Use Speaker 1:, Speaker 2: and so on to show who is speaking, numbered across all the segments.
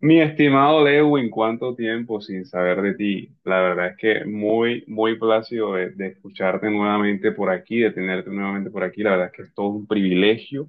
Speaker 1: Mi estimado Lewin, cuánto tiempo sin saber de ti. La verdad es que muy, muy plácido de escucharte nuevamente por aquí, de tenerte nuevamente por aquí. La verdad es que es todo un privilegio.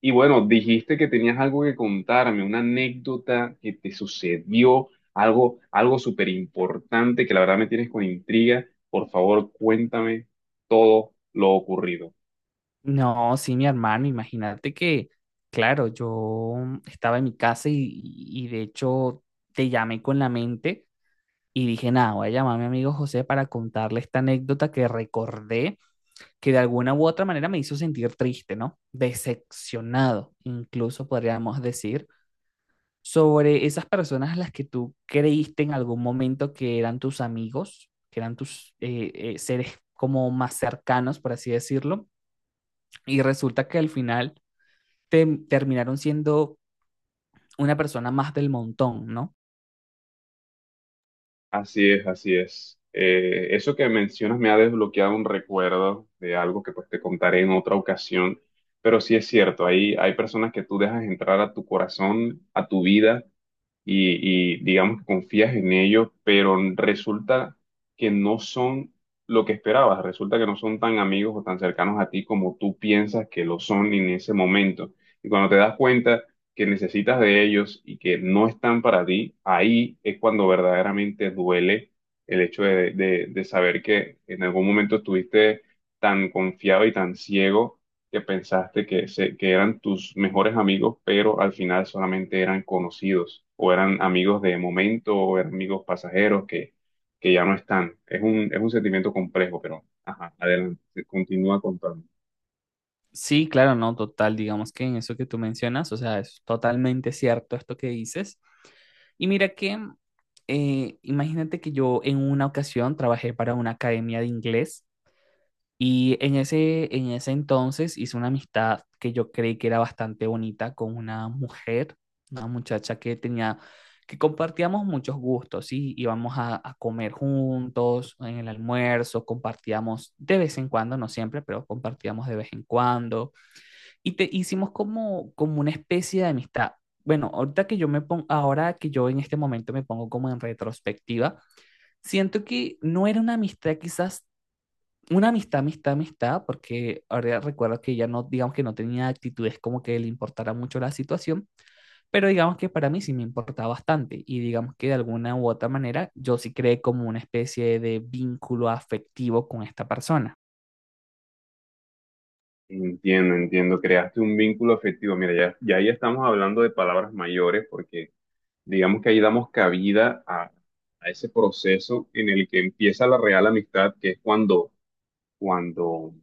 Speaker 1: Y bueno, dijiste que tenías algo que contarme, una anécdota que te sucedió, algo súper importante que la verdad me tienes con intriga. Por favor, cuéntame todo lo ocurrido.
Speaker 2: No, sí, mi hermano, imagínate que, claro, yo estaba en mi casa y de hecho te llamé con la mente y dije, nada, voy a llamar a mi amigo José para contarle esta anécdota que recordé que de alguna u otra manera me hizo sentir triste, ¿no? Decepcionado, incluso podríamos decir, sobre esas personas a las que tú creíste en algún momento que eran tus amigos, que eran tus seres como más cercanos, por así decirlo, y resulta que al final terminaron siendo una persona más del montón, ¿no?
Speaker 1: Así es, así es. Eso que mencionas me ha desbloqueado un recuerdo de algo que pues te contaré en otra ocasión, pero sí es cierto, ahí hay personas que tú dejas entrar a tu corazón, a tu vida, y digamos que confías en ellos, pero resulta que no son lo que esperabas, resulta que no son tan amigos o tan cercanos a ti como tú piensas que lo son en ese momento. Y cuando te das cuenta que necesitas de ellos y que no están para ti, ahí es cuando verdaderamente duele el hecho de saber que en algún momento estuviste tan confiado y tan ciego que pensaste que eran tus mejores amigos, pero al final solamente eran conocidos o eran amigos de momento o eran amigos pasajeros que ya no están. Es un sentimiento complejo, pero ajá, adelante, sí, continúa contando.
Speaker 2: Sí, claro, no, total, digamos que en eso que tú mencionas, o sea, es totalmente cierto esto que dices. Y mira que, imagínate que yo en una ocasión trabajé para una academia de inglés. Y en ese entonces hice una amistad que yo creí que era bastante bonita con una mujer, una muchacha que tenía, que compartíamos muchos gustos, ¿sí? Íbamos a comer juntos, en el almuerzo, compartíamos de vez en cuando, no siempre, pero compartíamos de vez en cuando. Y te hicimos como una especie de amistad. Bueno, ahorita que yo me pongo, ahora que yo en este momento me pongo como en retrospectiva, siento que no era una amistad quizás una amistad, amistad, amistad, porque ahora recuerdo que ya no, digamos que no tenía actitudes como que le importara mucho la situación, pero digamos que para mí sí me importaba bastante y digamos que de alguna u otra manera yo sí creé como una especie de vínculo afectivo con esta persona.
Speaker 1: Entiendo, entiendo, creaste un vínculo afectivo. Mira, ya, ya ahí estamos hablando de palabras mayores porque digamos que ahí damos cabida a ese proceso en el que empieza la real amistad, que es cuando, cuando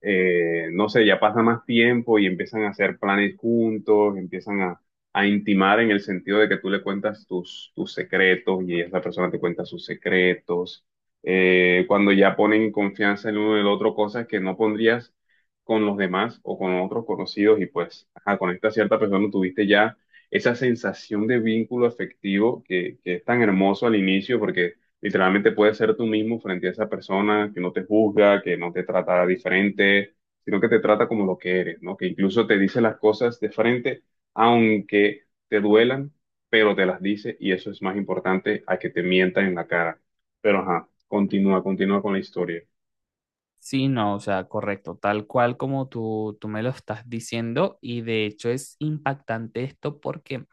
Speaker 1: eh, no sé, ya pasa más tiempo y empiezan a hacer planes juntos, empiezan a intimar en el sentido de que tú le cuentas tus secretos y esa persona te cuenta sus secretos. Cuando ya ponen en confianza el uno en el otro, cosas que no pondrías con los demás o con otros conocidos y pues ajá, con esta cierta persona tuviste ya esa sensación de vínculo afectivo que es tan hermoso al inicio porque literalmente puedes ser tú mismo frente a esa persona que no te juzga, que no te trata diferente, sino que te trata como lo que eres, ¿no? Que incluso te dice las cosas de frente, aunque te duelan, pero te las dice y eso es más importante a que te mientan en la cara. Pero ajá, continúa, continúa con la historia.
Speaker 2: Sí, no, o sea, correcto, tal cual como tú me lo estás diciendo y de hecho es impactante esto porque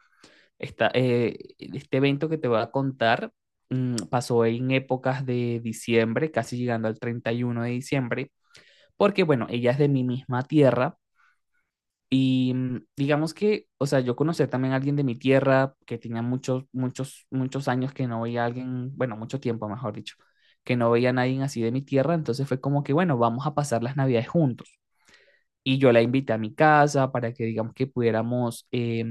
Speaker 2: Este evento que te voy a contar pasó en épocas de diciembre, casi llegando al 31 de diciembre, porque bueno, ella es de mi misma tierra y digamos que, o sea, yo conocí también a alguien de mi tierra que tenía muchos, muchos, muchos años que no veía a alguien, bueno, mucho tiempo, mejor dicho, que no veía a nadie así de mi tierra, entonces fue como que, bueno, vamos a pasar las navidades juntos. Y yo la invité a mi casa para que digamos que pudiéramos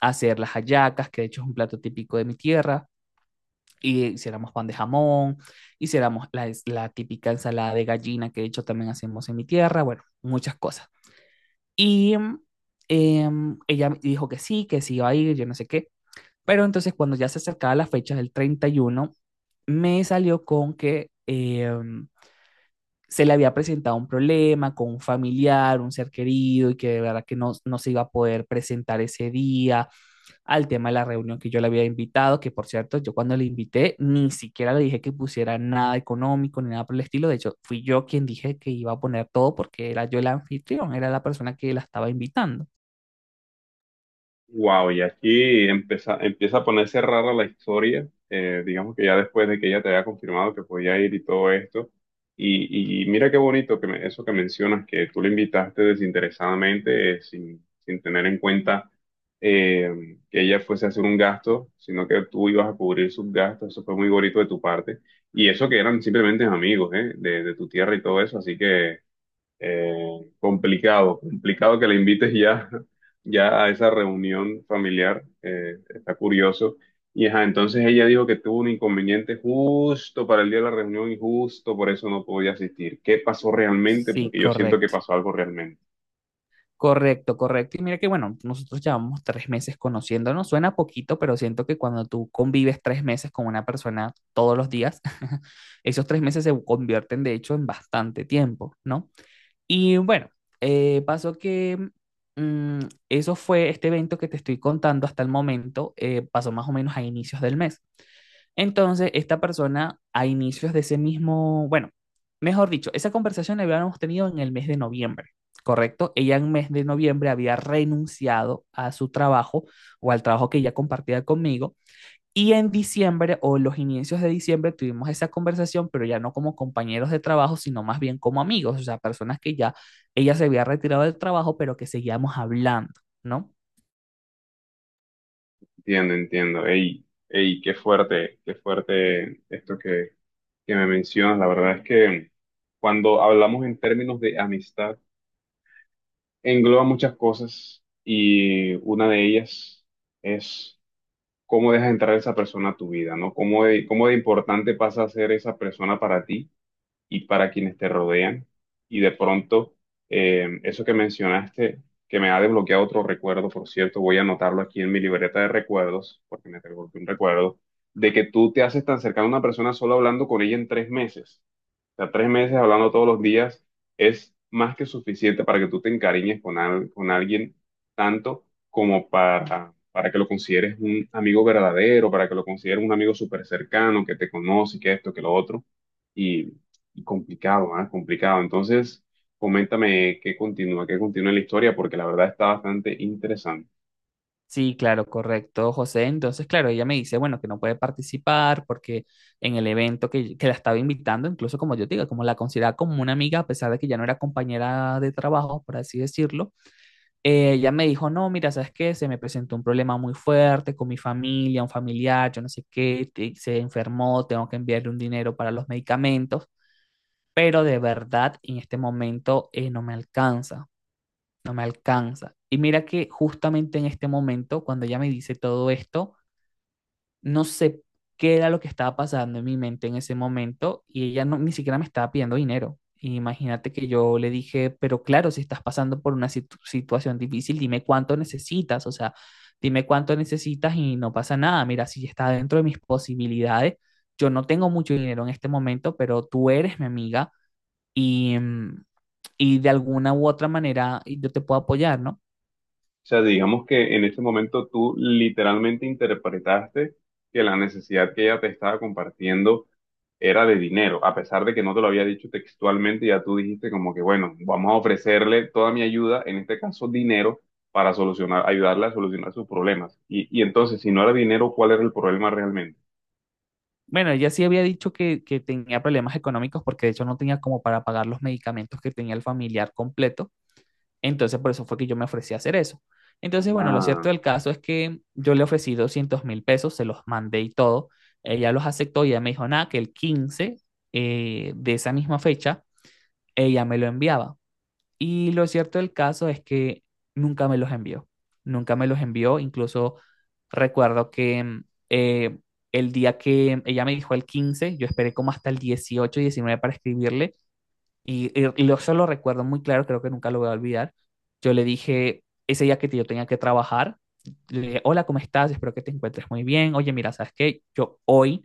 Speaker 2: hacer las hallacas, que de hecho es un plato típico de mi tierra, y hiciéramos pan de jamón, hiciéramos la típica ensalada de gallina, que de hecho también hacemos en mi tierra, bueno, muchas cosas. Y em, ella dijo que sí iba a ir, yo no sé qué. Pero entonces cuando ya se acercaba la fecha del 31 me salió con que se le había presentado un problema con un familiar, un ser querido, y que de verdad que no, no se iba a poder presentar ese día al tema de la reunión que yo le había invitado, que por cierto, yo cuando le invité ni siquiera le dije que pusiera nada económico ni nada por el estilo. De hecho, fui yo quien dije que iba a poner todo porque era yo el anfitrión, era la persona que la estaba invitando.
Speaker 1: Wow, y aquí empieza a ponerse rara la historia, digamos que ya después de que ella te haya confirmado que podía ir y todo esto. Y mira qué bonito eso que mencionas, que tú le invitaste desinteresadamente, sin tener en cuenta que ella fuese a hacer un gasto, sino que tú ibas a cubrir sus gastos, eso fue muy bonito de tu parte. Y eso que eran simplemente amigos, de tu tierra y todo eso, así que... Eh, complicado, complicado que le invites ya, ya a esa reunión familiar, está curioso. Y ajá, entonces ella dijo que tuvo un inconveniente justo para el día de la reunión y justo por eso no podía asistir. ¿Qué pasó realmente?
Speaker 2: Sí,
Speaker 1: Porque yo siento que
Speaker 2: correcto.
Speaker 1: pasó algo realmente.
Speaker 2: Correcto, correcto. Y mira que bueno, nosotros llevamos 3 meses conociéndonos. Suena poquito, pero siento que cuando tú convives 3 meses con una persona todos los días, esos 3 meses se convierten de hecho en bastante tiempo, ¿no? Y bueno, pasó que mm, eso fue este evento que te estoy contando hasta el momento. Pasó más o menos a inicios del mes. Entonces, esta persona a inicios de ese mismo, bueno, mejor dicho, esa conversación la habíamos tenido en el mes de noviembre, ¿correcto? Ella en mes de noviembre había renunciado a su trabajo o al trabajo que ella compartía conmigo y en diciembre o los inicios de diciembre tuvimos esa conversación, pero ya no como compañeros de trabajo, sino más bien como amigos, o sea, personas que ya ella se había retirado del trabajo, pero que seguíamos hablando, ¿no?
Speaker 1: Entiendo, entiendo. Ey, ey, qué fuerte esto que me mencionas. La verdad es que cuando hablamos en términos de amistad, engloba muchas cosas y una de ellas es cómo dejas entrar a esa persona a tu vida, ¿no? Cómo de importante pasa a ser esa persona para ti y para quienes te rodean. Y de pronto, eso que mencionaste, que me ha desbloqueado otro recuerdo, por cierto, voy a anotarlo aquí en mi libreta de recuerdos, porque me desbloqueó un recuerdo, de que tú te haces tan cercano a una persona solo hablando con ella en tres meses. O sea, tres meses hablando todos los días es más que suficiente para que tú te encariñes con alguien tanto como para, que lo consideres un amigo verdadero, para que lo consideres un amigo súper cercano, que te conoce, que esto, que lo otro. Y, y complicado, ¿ah? Complicado. Entonces, coméntame qué continúa la historia, porque la verdad está bastante interesante.
Speaker 2: Sí, claro, correcto, José. Entonces, claro, ella me dice, bueno, que no puede participar porque en el evento que la estaba invitando, incluso como yo te digo, como la consideraba como una amiga, a pesar de que ya no era compañera de trabajo, por así decirlo. Ella me dijo, no, mira, ¿sabes qué? Se me presentó un problema muy fuerte con mi familia, un familiar, yo no sé qué, se enfermó, tengo que enviarle un dinero para los medicamentos, pero de verdad en este momento no me alcanza, no me alcanza. Y mira que justamente en este momento, cuando ella me dice todo esto, no sé qué era lo que estaba pasando en mi mente en ese momento y ella no, ni siquiera me estaba pidiendo dinero. Imagínate que yo le dije, pero claro, si estás pasando por una situación difícil, dime cuánto necesitas, o sea, dime cuánto necesitas y no pasa nada. Mira, si está dentro de mis posibilidades, yo no tengo mucho dinero en este momento, pero tú eres mi amiga y, mm, y de alguna u otra manera yo te puedo apoyar, ¿no?
Speaker 1: O sea, digamos que en este momento tú literalmente interpretaste que la necesidad que ella te estaba compartiendo era de dinero, a pesar de que no te lo había dicho textualmente, ya tú dijiste como que, bueno, vamos a ofrecerle toda mi ayuda, en este caso dinero, para solucionar, ayudarle a solucionar sus problemas. Y entonces, si no era dinero, ¿cuál era el problema realmente?
Speaker 2: Bueno, ella sí había dicho que tenía problemas económicos porque de hecho no tenía como para pagar los medicamentos que tenía el familiar completo. Entonces, por eso fue que yo me ofrecí a hacer eso. Entonces, bueno, lo cierto
Speaker 1: Ah.
Speaker 2: del caso es que yo le ofrecí 200.000 pesos, se los mandé y todo. Ella los aceptó y ella me dijo, nada, que el 15 de esa misma fecha ella me lo enviaba. Y lo cierto del caso es que nunca me los envió, nunca me los envió. Incluso recuerdo que eh, el día que ella me dijo el 15 yo esperé como hasta el 18 19 para escribirle, eso lo recuerdo muy claro, creo que nunca lo voy a olvidar. Yo le dije ese día que yo tenía que trabajar, le dije, hola, ¿cómo estás? Espero que te encuentres muy bien. Oye, mira, ¿sabes qué? Yo hoy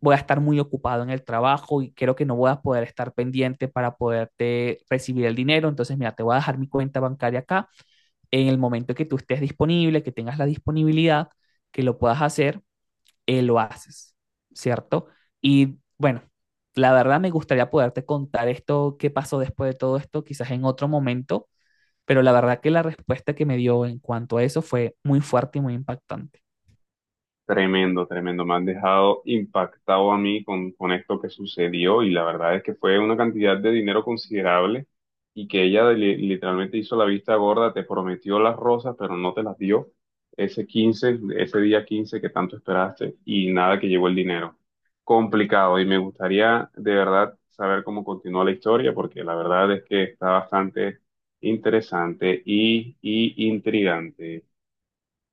Speaker 2: voy a estar muy ocupado en el trabajo y creo que no voy a poder estar pendiente para poderte recibir el dinero. Entonces, mira, te voy a dejar mi cuenta bancaria acá. En el momento que tú estés disponible, que tengas la disponibilidad, que lo puedas hacer, lo haces, ¿cierto? Y bueno, la verdad me gustaría poderte contar esto, qué pasó después de todo esto, quizás en otro momento, pero la verdad que la respuesta que me dio en cuanto a eso fue muy fuerte y muy impactante.
Speaker 1: Tremendo, tremendo. Me has dejado impactado a mí con esto que sucedió y la verdad es que fue una cantidad de dinero considerable y que ella literalmente hizo la vista gorda, te prometió las rosas, pero no te las dio ese 15, ese día 15 que tanto esperaste y nada que llegó el dinero. Complicado y me gustaría de verdad saber cómo continuó la historia porque la verdad es que está bastante interesante y intrigante.